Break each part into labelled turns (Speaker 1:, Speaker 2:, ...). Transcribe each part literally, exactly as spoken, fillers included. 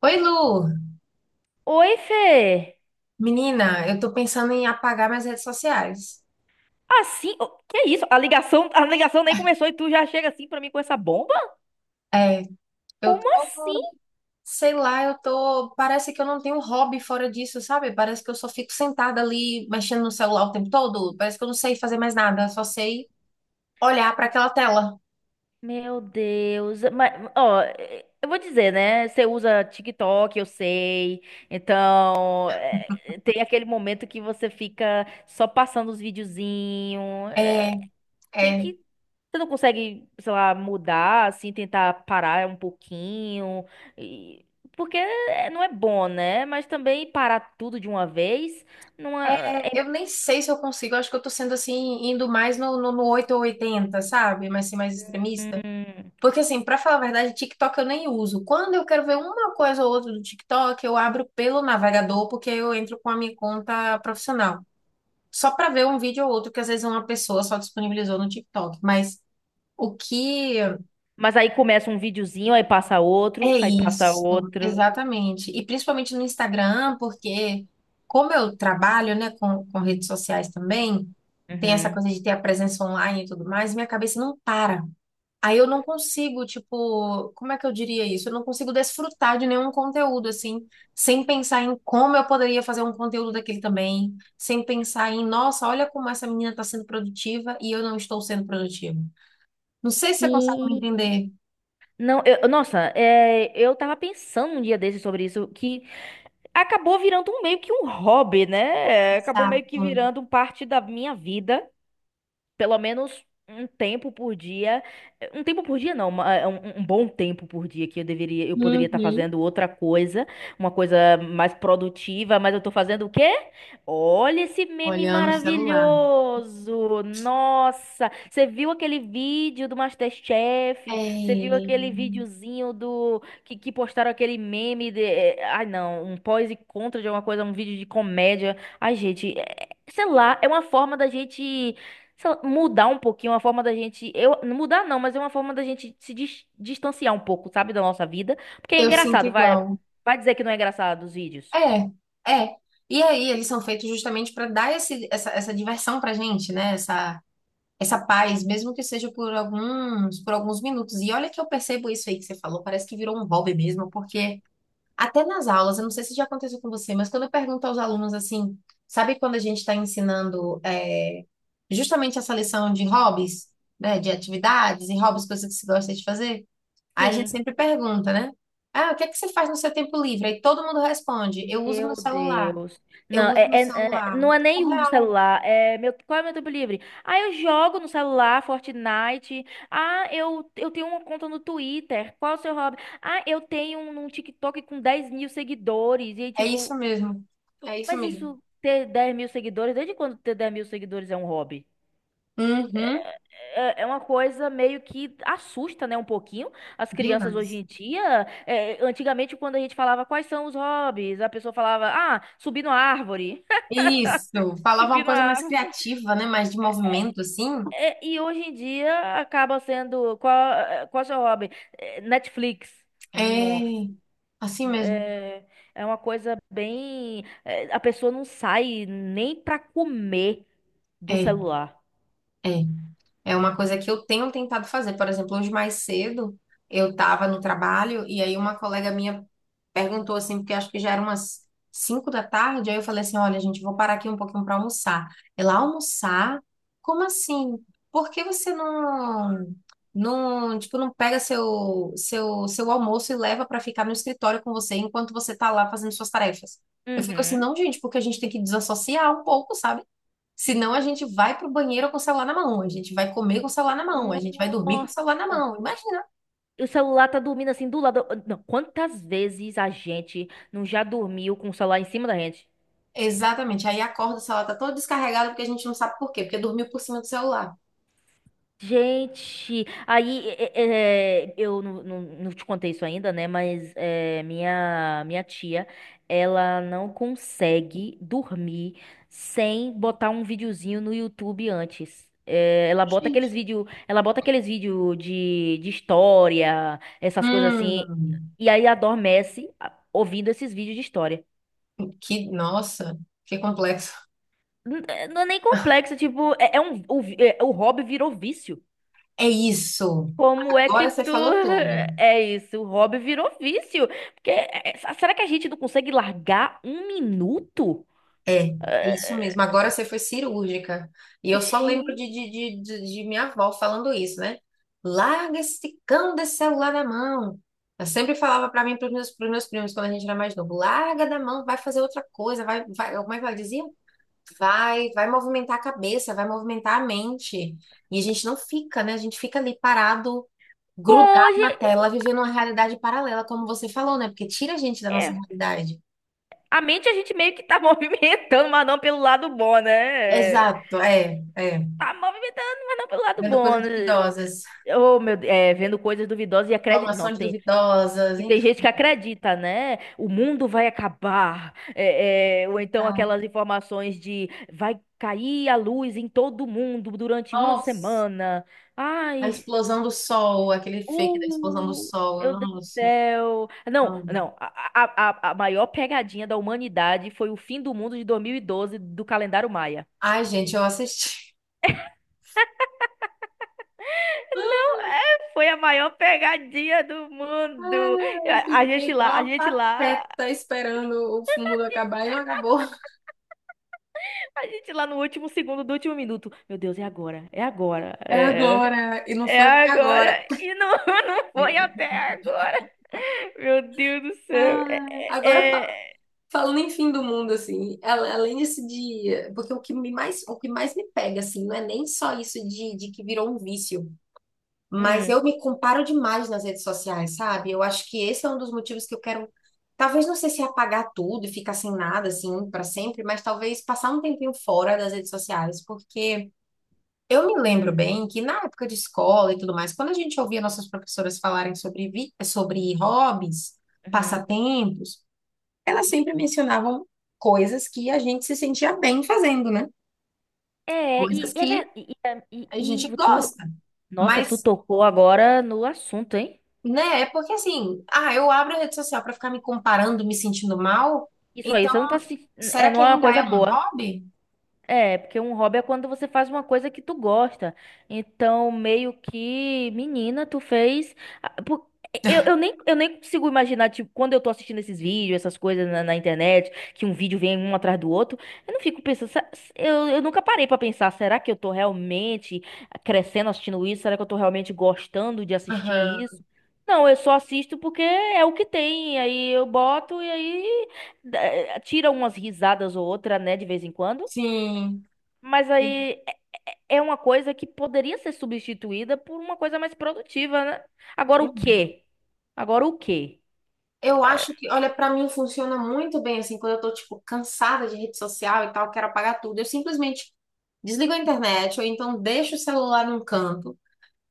Speaker 1: Oi, Lu!
Speaker 2: Oi, Fê!
Speaker 1: Menina, eu tô pensando em apagar minhas redes sociais.
Speaker 2: Assim, que é isso? A ligação, a ligação nem começou e tu já chega assim pra mim com essa bomba?
Speaker 1: É, eu
Speaker 2: Como
Speaker 1: tô,
Speaker 2: assim?
Speaker 1: sei lá, eu tô. Parece que eu não tenho hobby fora disso, sabe? Parece que eu só fico sentada ali mexendo no celular o tempo todo. Parece que eu não sei fazer mais nada, só sei olhar pra aquela tela.
Speaker 2: Meu Deus, mas ó, eu vou dizer, né? Você usa TikTok, eu sei. Então, é, tem aquele momento que você fica só passando os videozinhos.
Speaker 1: É,
Speaker 2: Tem
Speaker 1: é,
Speaker 2: que. Você não consegue, sei lá, mudar, assim, tentar parar um pouquinho. e- Porque é- não é bom, né? Mas também parar tudo de uma vez não é.
Speaker 1: é. Eu
Speaker 2: é-
Speaker 1: nem sei se eu consigo, eu acho que eu tô sendo assim, indo mais no, no, no oito ou oitenta, sabe? Mas ser mais extremista.
Speaker 2: Hum.
Speaker 1: Porque, assim, pra falar a verdade, TikTok eu nem uso. Quando eu quero ver uma coisa ou outra do TikTok, eu abro pelo navegador, porque eu entro com a minha conta profissional. Só pra ver um vídeo ou outro que às vezes uma pessoa só disponibilizou no TikTok. Mas o que
Speaker 2: Mas aí começa um videozinho, aí passa outro,
Speaker 1: é
Speaker 2: aí passa
Speaker 1: isso?
Speaker 2: outro.
Speaker 1: Exatamente. E principalmente no Instagram, porque como eu trabalho, né, com, com redes sociais também, tem essa
Speaker 2: Uhum.
Speaker 1: coisa de ter a presença online e tudo mais, minha cabeça não para. Aí eu não consigo, tipo, como é que eu diria isso? Eu não consigo desfrutar de nenhum conteúdo, assim, sem pensar em como eu poderia fazer um conteúdo daquele também, sem pensar em, nossa, olha como essa menina está sendo produtiva e eu não estou sendo produtiva. Não sei se você consegue me
Speaker 2: Sim.
Speaker 1: entender.
Speaker 2: Não, eu, nossa, é, eu tava pensando um dia desses sobre isso, que acabou virando um meio que um hobby, né? É, acabou meio que
Speaker 1: Exato.
Speaker 2: virando parte da minha vida. Pelo menos um tempo por dia. Um tempo por dia não, uma- é um, um bom tempo por dia que eu deveria, eu poderia estar
Speaker 1: Uhum.
Speaker 2: fazendo outra coisa, uma coisa mais produtiva, mas eu tô fazendo o quê? Olha esse meme
Speaker 1: Olhando o celular.
Speaker 2: maravilhoso! Nossa, você viu aquele vídeo do MasterChef? Você viu
Speaker 1: É,
Speaker 2: aquele videozinho do que, que postaram aquele meme de, eh, ai não, um pós e contra de alguma coisa, um vídeo de comédia. Ai, gente, eh, sei lá, é uma forma da gente só mudar um pouquinho a forma da gente. Eu, mudar não, mas é uma forma da gente se dis- distanciar um pouco, sabe, da nossa vida. Porque é
Speaker 1: eu sinto
Speaker 2: engraçado, vai,
Speaker 1: igual.
Speaker 2: vai dizer que não é engraçado os vídeos.
Speaker 1: É, é. E aí, eles são feitos justamente para dar esse, essa, essa diversão pra gente, né? Essa essa paz, mesmo que seja por alguns, por alguns minutos. E olha que eu percebo isso aí que você falou, parece que virou um hobby mesmo, porque até nas aulas, eu não sei se já aconteceu com você, mas quando eu pergunto aos alunos assim, sabe quando a gente está ensinando é, justamente essa lição de hobbies, né, de atividades e hobbies, coisas que se gosta de fazer? Aí a gente
Speaker 2: Sim.
Speaker 1: sempre pergunta, né? Ah, o que é que você faz no seu tempo livre? Aí todo mundo responde, eu uso meu
Speaker 2: Meu
Speaker 1: celular.
Speaker 2: Deus.
Speaker 1: Eu
Speaker 2: Não,
Speaker 1: uso
Speaker 2: é,
Speaker 1: meu
Speaker 2: é- é-
Speaker 1: celular.
Speaker 2: não é
Speaker 1: É
Speaker 2: nem uso
Speaker 1: real,
Speaker 2: celular. É meu, qual é meu tempo livre? Ah, eu jogo no celular, Fortnite. Ah, eu, eu tenho uma conta no Twitter. Qual é o seu hobby? Ah, eu tenho um, um TikTok com dez mil seguidores. E aí,
Speaker 1: é isso
Speaker 2: tipo,
Speaker 1: mesmo. É isso
Speaker 2: mas
Speaker 1: mesmo.
Speaker 2: isso ter dez mil seguidores, desde quando ter dez mil seguidores é um hobby?
Speaker 1: Uhum.
Speaker 2: É é uma coisa meio que assusta, né, um pouquinho as crianças hoje
Speaker 1: Demais.
Speaker 2: em dia. É, antigamente, quando a gente falava quais são os hobbies, a pessoa falava, ah, subir na árvore.
Speaker 1: Isso, falava uma
Speaker 2: Subir
Speaker 1: coisa
Speaker 2: na
Speaker 1: mais
Speaker 2: árvore.
Speaker 1: criativa, né? Mais de movimento, assim.
Speaker 2: É, e hoje em dia acaba sendo qual, é, qual é o seu hobby? É, Netflix. Nossa.
Speaker 1: É, assim mesmo.
Speaker 2: É, é uma coisa bem. É, a pessoa não sai nem pra comer do
Speaker 1: É,
Speaker 2: celular.
Speaker 1: é. É uma coisa que eu tenho tentado fazer. Por exemplo, hoje mais cedo eu estava no trabalho e aí uma colega minha perguntou assim, porque acho que já era umas cinco da tarde, aí eu falei assim, olha, gente, vou parar aqui um pouquinho para almoçar. Ela, almoçar? Como assim? Por que você não, não, tipo, não pega seu, seu, seu almoço e leva para ficar no escritório com você enquanto você tá lá fazendo suas tarefas? Eu fico assim,
Speaker 2: Uhum.
Speaker 1: não, gente, porque a gente tem que desassociar um pouco, sabe? Senão a gente vai pro banheiro com o celular na mão, a gente vai comer com o celular na mão, a gente vai dormir com o
Speaker 2: Nossa.
Speaker 1: celular na mão. Imagina.
Speaker 2: O celular tá dormindo assim do lado. Não, quantas vezes a gente não já dormiu com o celular em cima da gente?
Speaker 1: Exatamente. Aí acorda, o celular tá todo descarregado porque a gente não sabe por quê, porque dormiu por cima do celular.
Speaker 2: Gente, aí é, é, é, eu não, não, não te contei isso ainda, né? Mas é, minha, minha tia, ela não consegue dormir sem botar um videozinho no YouTube antes. É, ela bota aqueles
Speaker 1: Gente,
Speaker 2: vídeo, ela bota aqueles vídeo de, de história, essas coisas assim,
Speaker 1: hum,
Speaker 2: e aí adormece a- ouvindo esses vídeos de história.
Speaker 1: que, nossa, que complexo.
Speaker 2: N- é- Não é nem complexo, tipo, é, é um, o, vi- é- o hobby virou vício.
Speaker 1: É isso.
Speaker 2: Como é que
Speaker 1: Agora você
Speaker 2: tu.
Speaker 1: falou tudo.
Speaker 2: É isso, o hobby virou vício. Porque, é, é, será que a gente não consegue largar um minuto?
Speaker 1: É, é
Speaker 2: Ah,
Speaker 1: isso mesmo. Agora você foi cirúrgica. E eu só lembro
Speaker 2: gente,
Speaker 1: de, de, de, de- de minha avó falando isso, né? Larga esse cão desse celular da mão. Ela sempre falava pra mim, para os meus, pros meus primos, quando a gente era mais novo, larga da mão, vai fazer outra coisa, vai, vai. Como é que ela dizia? Vai, vai movimentar a cabeça, vai movimentar a mente. E a gente não fica, né? A gente fica ali parado,
Speaker 2: bom,
Speaker 1: grudado na
Speaker 2: ge-
Speaker 1: tela, vivendo uma realidade paralela, como você falou, né? Porque tira a gente da nossa
Speaker 2: é,
Speaker 1: realidade.
Speaker 2: a mente a gente meio que tá movimentando, mas não pelo lado bom, né? É,
Speaker 1: Exato, é, é.
Speaker 2: tá movimentando, mas não pelo lado
Speaker 1: Vendo
Speaker 2: bom.
Speaker 1: coisas
Speaker 2: né?
Speaker 1: duvidosas,
Speaker 2: Oh, meu Deus, é, vendo coisas duvidosas e acreditando. Nossa,
Speaker 1: informações duvidosas,
Speaker 2: e tem
Speaker 1: enfim.
Speaker 2: gente que acredita, né? O mundo vai acabar. É, é, ou então
Speaker 1: Tá.
Speaker 2: aquelas informações de vai cair a luz em todo mundo durante uma
Speaker 1: Nossa,
Speaker 2: semana.
Speaker 1: a
Speaker 2: Ai,
Speaker 1: explosão do sol, aquele fake da explosão do
Speaker 2: uh,
Speaker 1: sol.
Speaker 2: meu Deus do
Speaker 1: Nossa.
Speaker 2: céu. Não,
Speaker 1: Não.
Speaker 2: não. A, a, a a maior pegadinha da humanidade foi o fim do mundo de dois mil e doze do calendário Maia.
Speaker 1: Ai, gente, eu assisti.
Speaker 2: É, foi a maior pegadinha do mundo.
Speaker 1: Ah, eu
Speaker 2: A a
Speaker 1: fiquei
Speaker 2: gente lá, a
Speaker 1: igual uma
Speaker 2: gente lá.
Speaker 1: pateta esperando o mundo acabar e não acabou.
Speaker 2: A gente lá no último segundo do último minuto. Meu Deus, é agora, é agora,
Speaker 1: É
Speaker 2: é,
Speaker 1: agora, e não
Speaker 2: é
Speaker 1: foi até agora.
Speaker 2: agora. E não, não foi até agora. Meu Deus do céu. É,
Speaker 1: Ai, agora
Speaker 2: é-
Speaker 1: fa-
Speaker 2: é-
Speaker 1: Falando em fim do mundo, assim, a- além desse dia, porque o que me mais, o que mais me pega, assim, não é nem só isso de, de que virou um vício, mas
Speaker 2: Hum,
Speaker 1: eu me comparo demais nas redes sociais, sabe? Eu acho que esse é um dos motivos que eu quero, talvez não sei se é apagar tudo e ficar sem nada, assim, para sempre, mas talvez passar um tempinho fora das redes sociais, porque eu me lembro
Speaker 2: hum,
Speaker 1: bem que na época de escola e tudo mais, quando a gente ouvia nossas professoras falarem sobre, vi- sobre hobbies,
Speaker 2: uhum.
Speaker 1: passatempos, elas sempre mencionavam coisas que a gente se sentia bem fazendo, né?
Speaker 2: É, e,
Speaker 1: Coisas
Speaker 2: e, é
Speaker 1: que
Speaker 2: ver- e, e- é,
Speaker 1: a
Speaker 2: e-
Speaker 1: gente
Speaker 2: e tu,
Speaker 1: gosta.
Speaker 2: nossa, tu
Speaker 1: Mas,
Speaker 2: tocou agora no assunto, hein?
Speaker 1: né, é porque assim, ah, eu abro a rede social para ficar me comparando, me sentindo mal,
Speaker 2: Isso aí,
Speaker 1: então
Speaker 2: você não tá se,
Speaker 1: será
Speaker 2: é,
Speaker 1: que
Speaker 2: não é uma
Speaker 1: ainda é
Speaker 2: coisa
Speaker 1: um
Speaker 2: boa.
Speaker 1: hobby?
Speaker 2: É, porque um hobby é quando você faz uma coisa que tu gosta. Então, meio que, menina, tu fez. ah, por- Eu, eu nem, eu nem consigo imaginar, tipo, quando eu tô assistindo esses vídeos, essas coisas na, na internet, que um vídeo vem um atrás do outro, eu não fico pensando. "Se- se- Eu, eu nunca parei pra pensar, será que eu tô realmente crescendo assistindo isso? Será que eu tô realmente gostando de assistir
Speaker 1: Aham,
Speaker 2: isso? Não, eu só assisto porque é o que tem. Aí eu boto e aí eh, tira umas risadas ou outra, né, de vez em quando.
Speaker 1: sim.
Speaker 2: Mas aí é é uma coisa que poderia ser substituída por uma coisa mais produtiva, né? Agora o
Speaker 1: Sim.
Speaker 2: quê? Agora o quê?
Speaker 1: Eu acho que, olha, pra mim funciona muito bem assim, quando eu tô tipo cansada de rede social e tal, quero apagar tudo. Eu simplesmente desligo a internet ou então deixo o celular num canto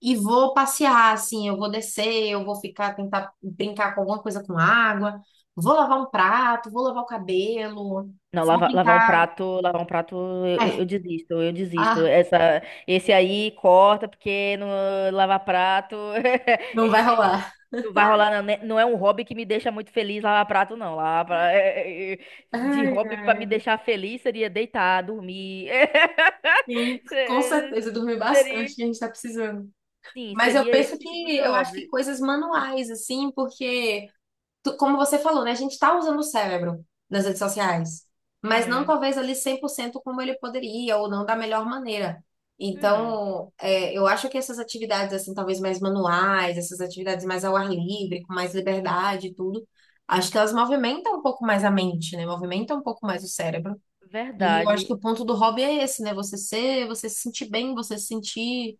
Speaker 1: e vou passear assim, eu vou descer, eu vou ficar tentar brincar com alguma coisa com água, vou lavar um prato, vou lavar o cabelo,
Speaker 2: Não,
Speaker 1: vou
Speaker 2: lavar, lavar um
Speaker 1: brincar.
Speaker 2: prato, lavar um prato, eu, eu-
Speaker 1: É,
Speaker 2: eu desisto, eu desisto.
Speaker 1: ah,
Speaker 2: Essa, esse aí corta porque no, lavar prato é-
Speaker 1: não vai
Speaker 2: é- é-
Speaker 1: rolar.
Speaker 2: não vai rolar, não, né? Não é um hobby que me deixa muito feliz lavar prato, não. Lavar, pra- é- é- é- de
Speaker 1: Ai,
Speaker 2: hobby para me
Speaker 1: ai,
Speaker 2: deixar feliz seria deitar, dormir.
Speaker 1: sim, com
Speaker 2: Se-
Speaker 1: certeza, dormir
Speaker 2: Seria,
Speaker 1: bastante, que a gente tá precisando.
Speaker 2: sim,
Speaker 1: Mas eu
Speaker 2: seria
Speaker 1: penso
Speaker 2: esse tipo
Speaker 1: que
Speaker 2: de
Speaker 1: eu acho que
Speaker 2: hobby.
Speaker 1: coisas manuais assim, porque tu- como você falou, né? A gente está usando o cérebro nas redes sociais, mas não
Speaker 2: Uhum.
Speaker 1: talvez ali cem por cento como ele poderia, ou não da melhor maneira.
Speaker 2: Hum,
Speaker 1: Então, é, eu acho que essas atividades, assim, talvez mais manuais, essas atividades mais ao ar livre, com mais liberdade e tudo, acho que elas movimentam um pouco mais a mente, né? Movimentam um pouco mais o cérebro. E eu acho
Speaker 2: verdade.
Speaker 1: que o ponto do hobby é esse, né? Você ser, você se sentir bem, você se sentir,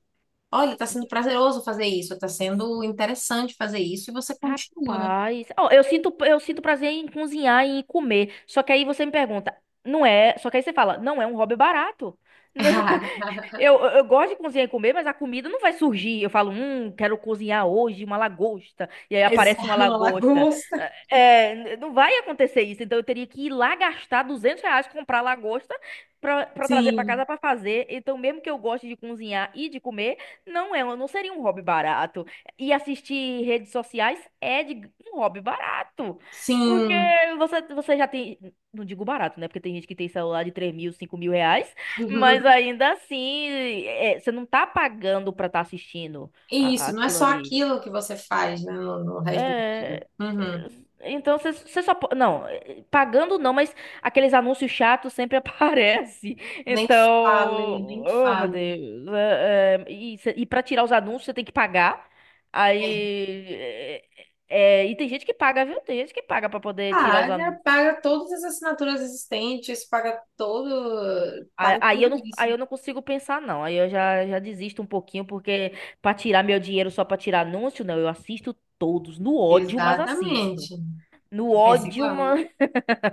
Speaker 1: olha, tá sendo prazeroso fazer isso, tá sendo interessante fazer isso, e você continua, né?
Speaker 2: Rapaz, ó, eu sinto, eu sinto prazer em cozinhar e em comer. Só que aí você me pergunta, não é? Só que aí você fala, não é um hobby barato. Eu, eu, eu gosto de cozinhar e comer, mas a comida não vai surgir. Eu falo, hum, quero cozinhar hoje uma lagosta. E aí aparece uma
Speaker 1: Exato, uma
Speaker 2: lagosta.
Speaker 1: lagosta.
Speaker 2: É, n- não vai acontecer isso. Então eu teria que ir lá gastar duzentos reais comprar lagosta pra, pra trazer pra
Speaker 1: Sim,
Speaker 2: casa pra fazer. Então, mesmo que eu goste de cozinhar e de comer, não é, um- não seria um hobby barato. E assistir redes sociais é de, um hobby barato. Porque
Speaker 1: sim.
Speaker 2: você, você já tem. Não digo barato, né? Porque tem gente que tem celular de três mil, cinco mil reais. Mas ainda assim, é, você não tá pagando pra estar assistindo a-
Speaker 1: Isso, não é
Speaker 2: aquilo
Speaker 1: só
Speaker 2: ali.
Speaker 1: aquilo que você faz, né, no, no resto do dia.
Speaker 2: É,
Speaker 1: Uhum.
Speaker 2: então você você só. po- Não, é, pagando não, mas aqueles anúncios chatos sempre aparecem.
Speaker 1: Nem
Speaker 2: Então.
Speaker 1: fale, nem
Speaker 2: Oh, meu
Speaker 1: fale.
Speaker 2: Deus. é, é, e, cê- e pra tirar os anúncios, você tem que pagar.
Speaker 1: É.
Speaker 2: Aí. é, é, e tem gente que paga, viu? Tem gente que paga pra poder tirar os anúncios.
Speaker 1: Paga, paga todas as assinaturas existentes, paga todo,
Speaker 2: Aí
Speaker 1: paga
Speaker 2: aí
Speaker 1: tudo
Speaker 2: eu não, aí
Speaker 1: isso.
Speaker 2: eu não consigo pensar, não. Aí eu já, já desisto um pouquinho, porque pra tirar meu dinheiro só pra tirar anúncio, não. Eu assisto todos, no ódio, mas assisto.
Speaker 1: Exatamente.
Speaker 2: No
Speaker 1: Eu penso
Speaker 2: ódio,
Speaker 1: igual.
Speaker 2: mano.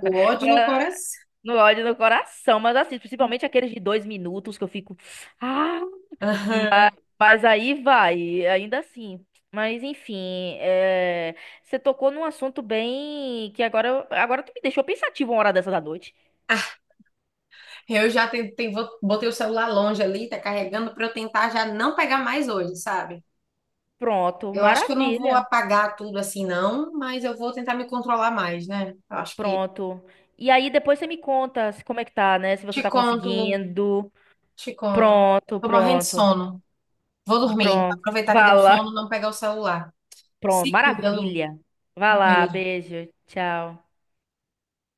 Speaker 1: O ódio no coração.
Speaker 2: No ódio no coração, mas assisto. Principalmente aqueles de dois minutos que eu fico. Ah,
Speaker 1: Aham.
Speaker 2: mas aí vai, ainda assim. Mas enfim, é, você tocou num assunto bem que agora, eu- agora tu me deixou pensativo uma hora dessa da noite.
Speaker 1: Eu já tentei, botei o celular longe ali, tá carregando pra eu tentar já não pegar mais hoje, sabe?
Speaker 2: Pronto,
Speaker 1: Eu acho que eu não vou
Speaker 2: maravilha.
Speaker 1: apagar tudo assim, não, mas eu vou tentar me controlar mais, né? Eu acho que.
Speaker 2: Pronto. E aí depois você me conta se- como é que tá, né? Se você
Speaker 1: Te
Speaker 2: tá
Speaker 1: conto, Lu,
Speaker 2: conseguindo.
Speaker 1: te conto.
Speaker 2: Pronto,
Speaker 1: Tô morrendo de
Speaker 2: pronto.
Speaker 1: sono. Vou dormir.
Speaker 2: Pronto.
Speaker 1: Aproveitar que
Speaker 2: Vá
Speaker 1: deu sono,
Speaker 2: lá.
Speaker 1: não pegar o celular.
Speaker 2: Pronto.
Speaker 1: Se cuida, Lu.
Speaker 2: Maravilha. Vá
Speaker 1: Um
Speaker 2: lá.
Speaker 1: beijo.
Speaker 2: Beijo. Tchau.